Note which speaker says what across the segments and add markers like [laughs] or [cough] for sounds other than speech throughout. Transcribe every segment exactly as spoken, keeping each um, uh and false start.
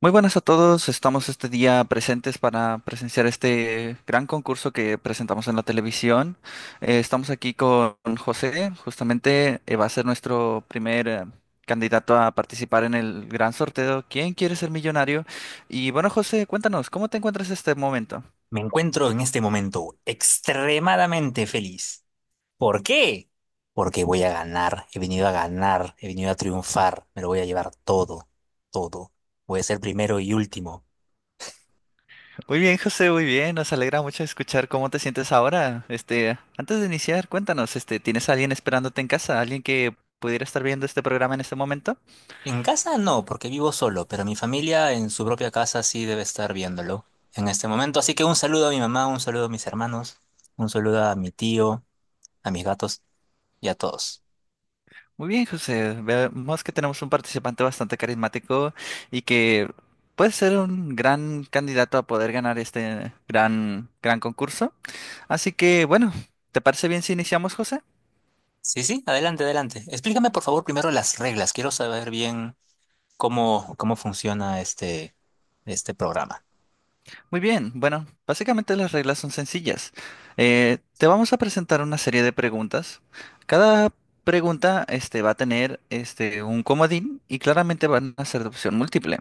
Speaker 1: Muy buenas a todos, estamos este día presentes para presenciar este gran concurso que presentamos en la televisión. Eh, estamos aquí con José, justamente eh, va a ser nuestro primer eh, candidato a participar en el gran sorteo. ¿Quién quiere ser millonario? Y bueno, José, cuéntanos, ¿cómo te encuentras en este momento?
Speaker 2: Me encuentro en este momento extremadamente feliz. ¿Por qué? Porque voy a ganar, he venido a ganar, he venido a triunfar, me lo voy a llevar todo, todo. Voy a ser primero y último.
Speaker 1: Muy bien, José, muy bien, nos alegra mucho escuchar cómo te sientes ahora. Este, antes de iniciar, cuéntanos, este, ¿tienes a alguien esperándote en casa? ¿Alguien que pudiera estar viendo este programa en este momento?
Speaker 2: En casa no, porque vivo solo, pero mi familia en su propia casa sí debe estar viéndolo en este momento. Así que un saludo a mi mamá, un saludo a mis hermanos, un saludo a mi tío, a mis gatos y a todos.
Speaker 1: Muy bien, José. Vemos que tenemos un participante bastante carismático y que puede ser un gran candidato a poder ganar este gran, gran concurso. Así que, bueno, ¿te parece bien si iniciamos, José?
Speaker 2: Sí, sí, adelante, adelante. Explícame por favor primero las reglas. Quiero saber bien cómo, cómo funciona este, este programa.
Speaker 1: Muy bien, bueno, básicamente las reglas son sencillas. Eh, te vamos a presentar una serie de preguntas. Cada pregunta este, va a tener este, un comodín y claramente van a ser de opción múltiple.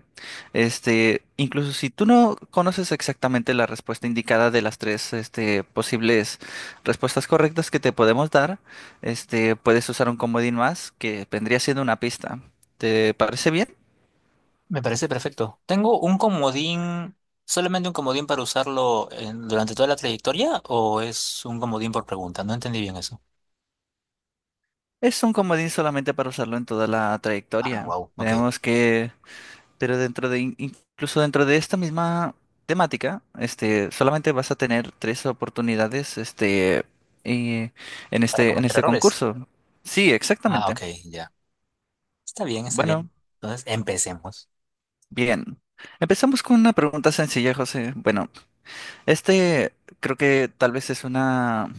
Speaker 1: Este, incluso si tú no conoces exactamente la respuesta indicada de las tres este, posibles respuestas correctas que te podemos dar, este, puedes usar un comodín más que vendría siendo una pista. ¿Te parece bien?
Speaker 2: Me parece perfecto. ¿Tengo un comodín, solamente un comodín para usarlo en- durante toda la trayectoria o es un comodín por pregunta? No entendí bien eso.
Speaker 1: Es un comodín solamente para usarlo en toda la
Speaker 2: Ah,
Speaker 1: trayectoria.
Speaker 2: wow, ok.
Speaker 1: Vemos que, pero dentro de, in- incluso dentro de esta misma temática, este, solamente vas a tener tres oportunidades, este, eh, en
Speaker 2: Para
Speaker 1: este, en
Speaker 2: cometer
Speaker 1: este
Speaker 2: errores.
Speaker 1: concurso. Sí,
Speaker 2: Ah,
Speaker 1: exactamente.
Speaker 2: ok, ya. Está bien, está
Speaker 1: Bueno,
Speaker 2: bien. Entonces, empecemos.
Speaker 1: bien. Empezamos con una pregunta sencilla, José. Bueno, este creo que tal vez es una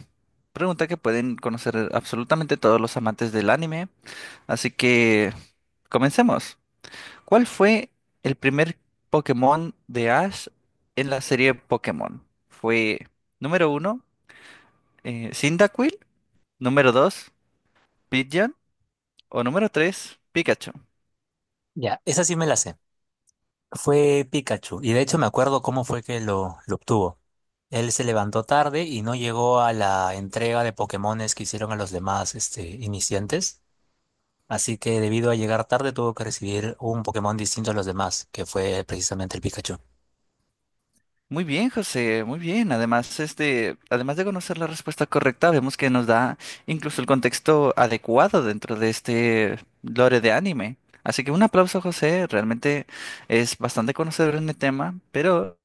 Speaker 1: pregunta que pueden conocer absolutamente todos los amantes del anime, así que comencemos. ¿Cuál fue el primer Pokémon de Ash en la serie Pokémon? ¿Fue número uno, eh, Cyndaquil, número dos, Pidgeon o número tres, Pikachu?
Speaker 2: Ya, esa sí me la sé. Fue Pikachu y de hecho me acuerdo cómo fue que lo, lo obtuvo. Él se levantó tarde y no llegó a la entrega de Pokémones que hicieron a los demás este, iniciantes. Así que debido a llegar tarde tuvo que recibir un Pokémon distinto a los demás, que fue precisamente el Pikachu.
Speaker 1: Muy bien, José, muy bien. Además, este, además de conocer la respuesta correcta, vemos que nos da incluso el contexto adecuado dentro de este lore de anime. Así que un aplauso, José. Realmente es bastante conocedor en el tema, pero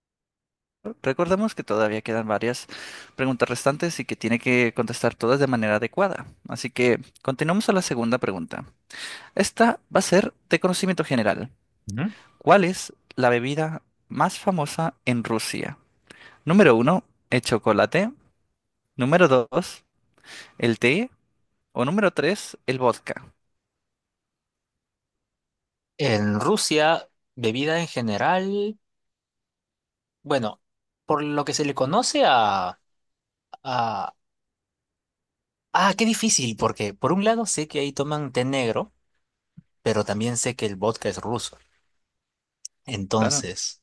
Speaker 1: recordemos que todavía quedan varias preguntas restantes y que tiene que contestar todas de manera adecuada. Así que continuamos a la segunda pregunta. Esta va a ser de conocimiento general.
Speaker 2: Ujú.
Speaker 1: ¿Cuál es la bebida más famosa en Rusia? Número uno, el chocolate. Número dos, el té. O número tres, el vodka.
Speaker 2: En Rusia, bebida en general, bueno, por lo que se le conoce a, a... Ah, qué difícil, porque por un lado sé que ahí toman té negro, pero también sé que el vodka es ruso.
Speaker 1: Claro,
Speaker 2: Entonces,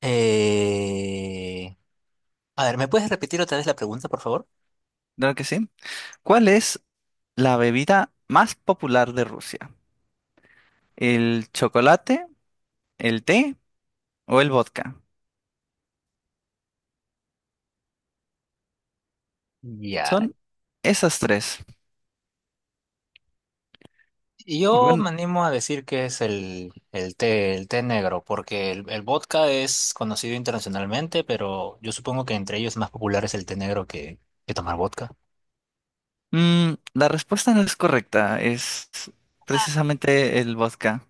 Speaker 2: eh... a ver, ¿me puedes repetir otra vez la pregunta, por favor?
Speaker 1: claro que sí. ¿Cuál es la bebida más popular de Rusia? ¿El chocolate, el té o el vodka?
Speaker 2: Ya,
Speaker 1: Son esas tres.
Speaker 2: Y
Speaker 1: Y
Speaker 2: Yo
Speaker 1: bueno,
Speaker 2: me animo a decir que es el, el té, el té negro, porque el, el vodka es conocido internacionalmente, pero yo supongo que entre ellos más popular es el té negro que, que tomar vodka.
Speaker 1: mm, la respuesta no es correcta, es precisamente el vodka.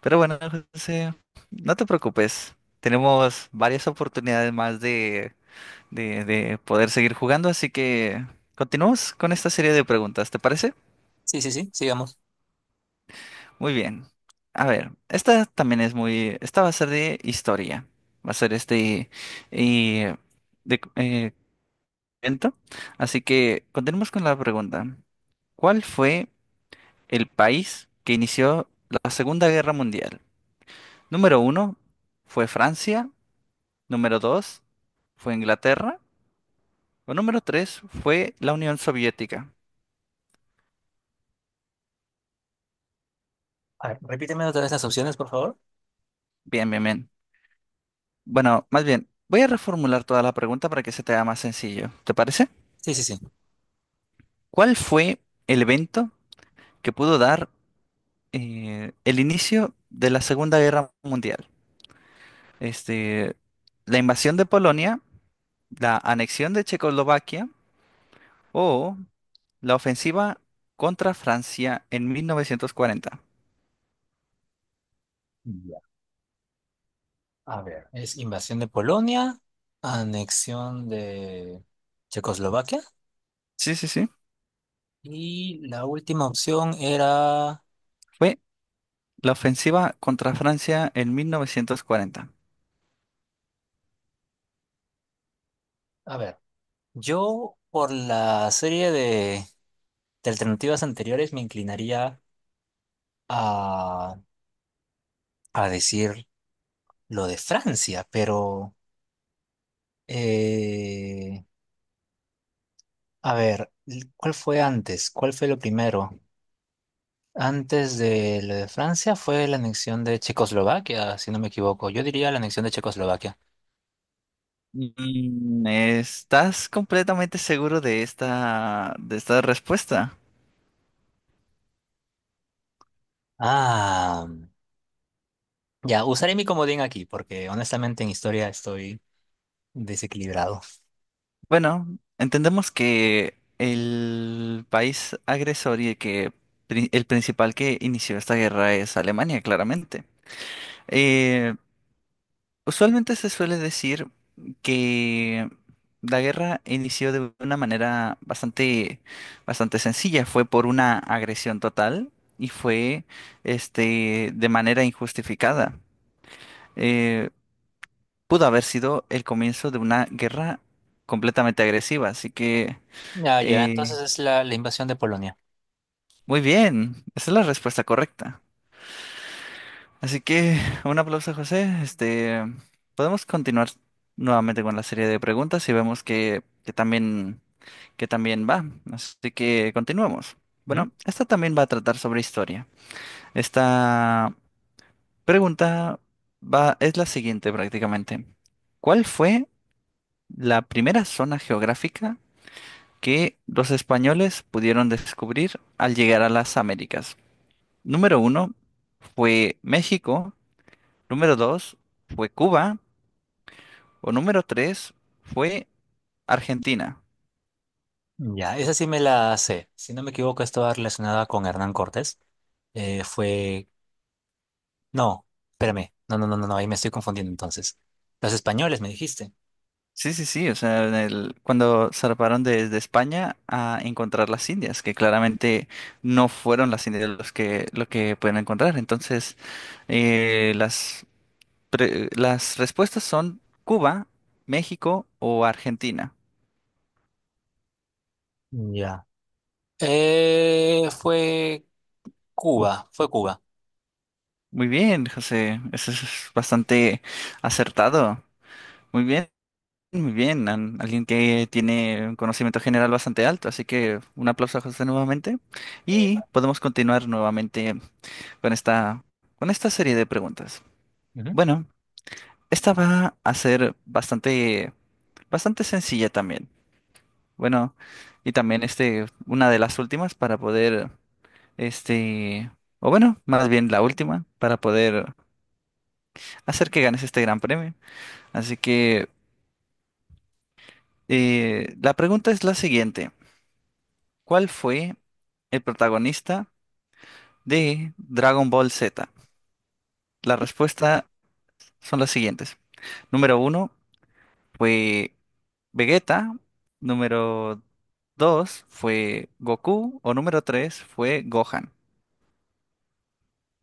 Speaker 1: Pero bueno, José, no te preocupes. Tenemos varias oportunidades más de, de, de poder seguir jugando, así que continuamos con esta serie de preguntas, ¿te parece?
Speaker 2: Sí, sí, sí, sigamos.
Speaker 1: Muy bien. A ver, esta también es muy. Esta va a ser de historia. Va a ser este. Y, de, eh, momento. Así que continuemos con la pregunta. ¿Cuál fue el país que inició la Segunda Guerra Mundial? Número uno fue Francia, número dos fue Inglaterra o número tres fue la Unión Soviética.
Speaker 2: A ver, repíteme otra vez las opciones, por favor.
Speaker 1: Bien, bien, bien. Bueno, más bien, voy a reformular toda la pregunta para que se te haga más sencillo. ¿Te parece?
Speaker 2: Sí, sí, sí.
Speaker 1: ¿Cuál fue el evento que pudo dar eh, el inicio de la Segunda Guerra Mundial? Este, la invasión de Polonia, la anexión de Checoslovaquia o la ofensiva contra Francia en mil novecientos cuarenta.
Speaker 2: Ya. A ver, es invasión de Polonia, anexión de Checoslovaquia
Speaker 1: Sí, sí, sí.
Speaker 2: y la última opción era,
Speaker 1: Fue la ofensiva contra Francia en mil novecientos cuarenta.
Speaker 2: a ver, yo por la serie de, de alternativas anteriores me inclinaría a, a decir lo de Francia, pero eh, a ver, ¿cuál fue antes? ¿Cuál fue lo primero? Antes de lo de Francia fue la anexión de Checoslovaquia, si no me equivoco. Yo diría la anexión de Checoslovaquia.
Speaker 1: Mm, ¿estás completamente seguro de esta, de esta respuesta?
Speaker 2: Ah, ya, usaré mi comodín aquí porque honestamente en historia estoy desequilibrado.
Speaker 1: Bueno, entendemos que el país agresor y el que pri- el principal que inició esta guerra es Alemania, claramente. Eh, Usualmente se suele decir que la guerra inició de una manera bastante, bastante sencilla. Fue por una agresión total y fue, este, de manera injustificada. Eh, pudo haber sido el comienzo de una guerra completamente agresiva. Así que,
Speaker 2: Ya, ya,
Speaker 1: eh,
Speaker 2: entonces es la, la invasión de Polonia.
Speaker 1: muy bien, esa es la respuesta correcta. Así que un aplauso, José. Este, podemos continuar nuevamente con la serie de preguntas y vemos que, que también, que también va. Así que continuemos.
Speaker 2: ¿Mm?
Speaker 1: Bueno, esta también va a tratar sobre historia. Esta pregunta va, es la siguiente prácticamente. ¿Cuál fue la primera zona geográfica que los españoles pudieron descubrir al llegar a las Américas? Número uno fue México. Número dos fue Cuba. O número tres fue Argentina.
Speaker 2: Ya, esa sí me la sé. Si no me equivoco, estaba relacionada con Hernán Cortés. Eh, fue No, espérame. No, no, no, no, no, ahí me estoy confundiendo entonces. Los españoles, me dijiste.
Speaker 1: Sí, sí, sí, o sea, en el- cuando zarparon desde España a encontrar las Indias, que claramente no fueron las Indias los que, lo que pueden encontrar. Entonces, eh, las, pre- las respuestas son Cuba, México o Argentina.
Speaker 2: Ya. Eh, fue Cuba, fue Cuba.
Speaker 1: Muy bien, José, eso es bastante acertado. Muy bien. Muy bien, an- alguien que tiene un conocimiento general bastante alto, así que un aplauso a José nuevamente
Speaker 2: Epa.
Speaker 1: y podemos continuar nuevamente con esta, con esta serie de preguntas.
Speaker 2: Ujú.
Speaker 1: Bueno, esta va a ser bastante, bastante sencilla también. Bueno, y también este, una de las últimas para poder, este, o bueno, más bien la última para poder hacer que ganes este gran premio. Así que eh, la pregunta es la siguiente. ¿Cuál fue el protagonista de Dragon Ball Z? Las respuestas son las siguientes. Número uno fue Vegeta. Número dos fue Goku. O número tres fue Gohan.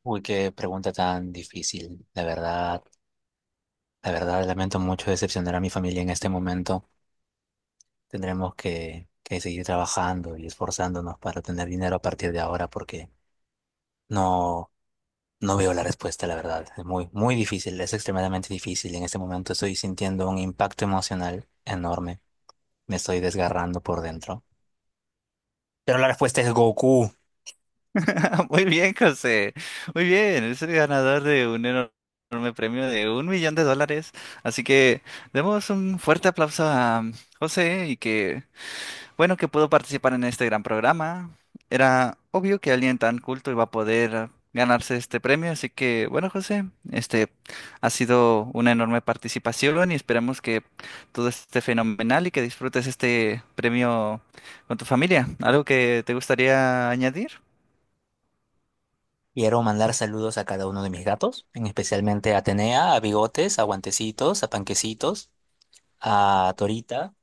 Speaker 2: Uy, qué pregunta tan difícil. La verdad, la verdad, lamento mucho decepcionar a mi familia en este momento. Tendremos que, que seguir trabajando y esforzándonos para tener dinero a partir de ahora porque no, no veo la respuesta, la verdad. Es muy, muy difícil, es extremadamente difícil. En este momento estoy sintiendo un impacto emocional enorme. Me estoy desgarrando por dentro. Pero la respuesta es Goku.
Speaker 1: [laughs] Muy bien, José. Muy bien. Es el ganador de un enorme premio de un millón de dólares. Así que demos un fuerte aplauso a José y que bueno, que pudo participar en este gran programa. Era obvio que alguien tan culto iba a poder eh, ganarse este premio, así que bueno, José, este ha sido una enorme participación y esperamos que todo esté fenomenal y que disfrutes este premio con tu familia. ¿Algo que te gustaría añadir?
Speaker 2: Quiero mandar saludos a cada uno de mis gatos, en especialmente a Atenea, a Bigotes, a Guantecitos, a Panquecitos, a Torita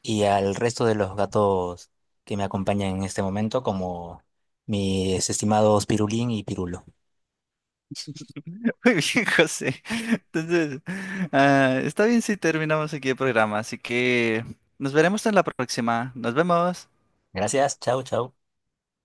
Speaker 2: y al resto de los gatos que me acompañan en este momento, como mis estimados Pirulín y Pirulo.
Speaker 1: [laughs] Muy bien, José. Entonces, ah, está bien si terminamos aquí el programa, así que nos veremos en la próxima. Nos vemos.
Speaker 2: Gracias, chao, chao.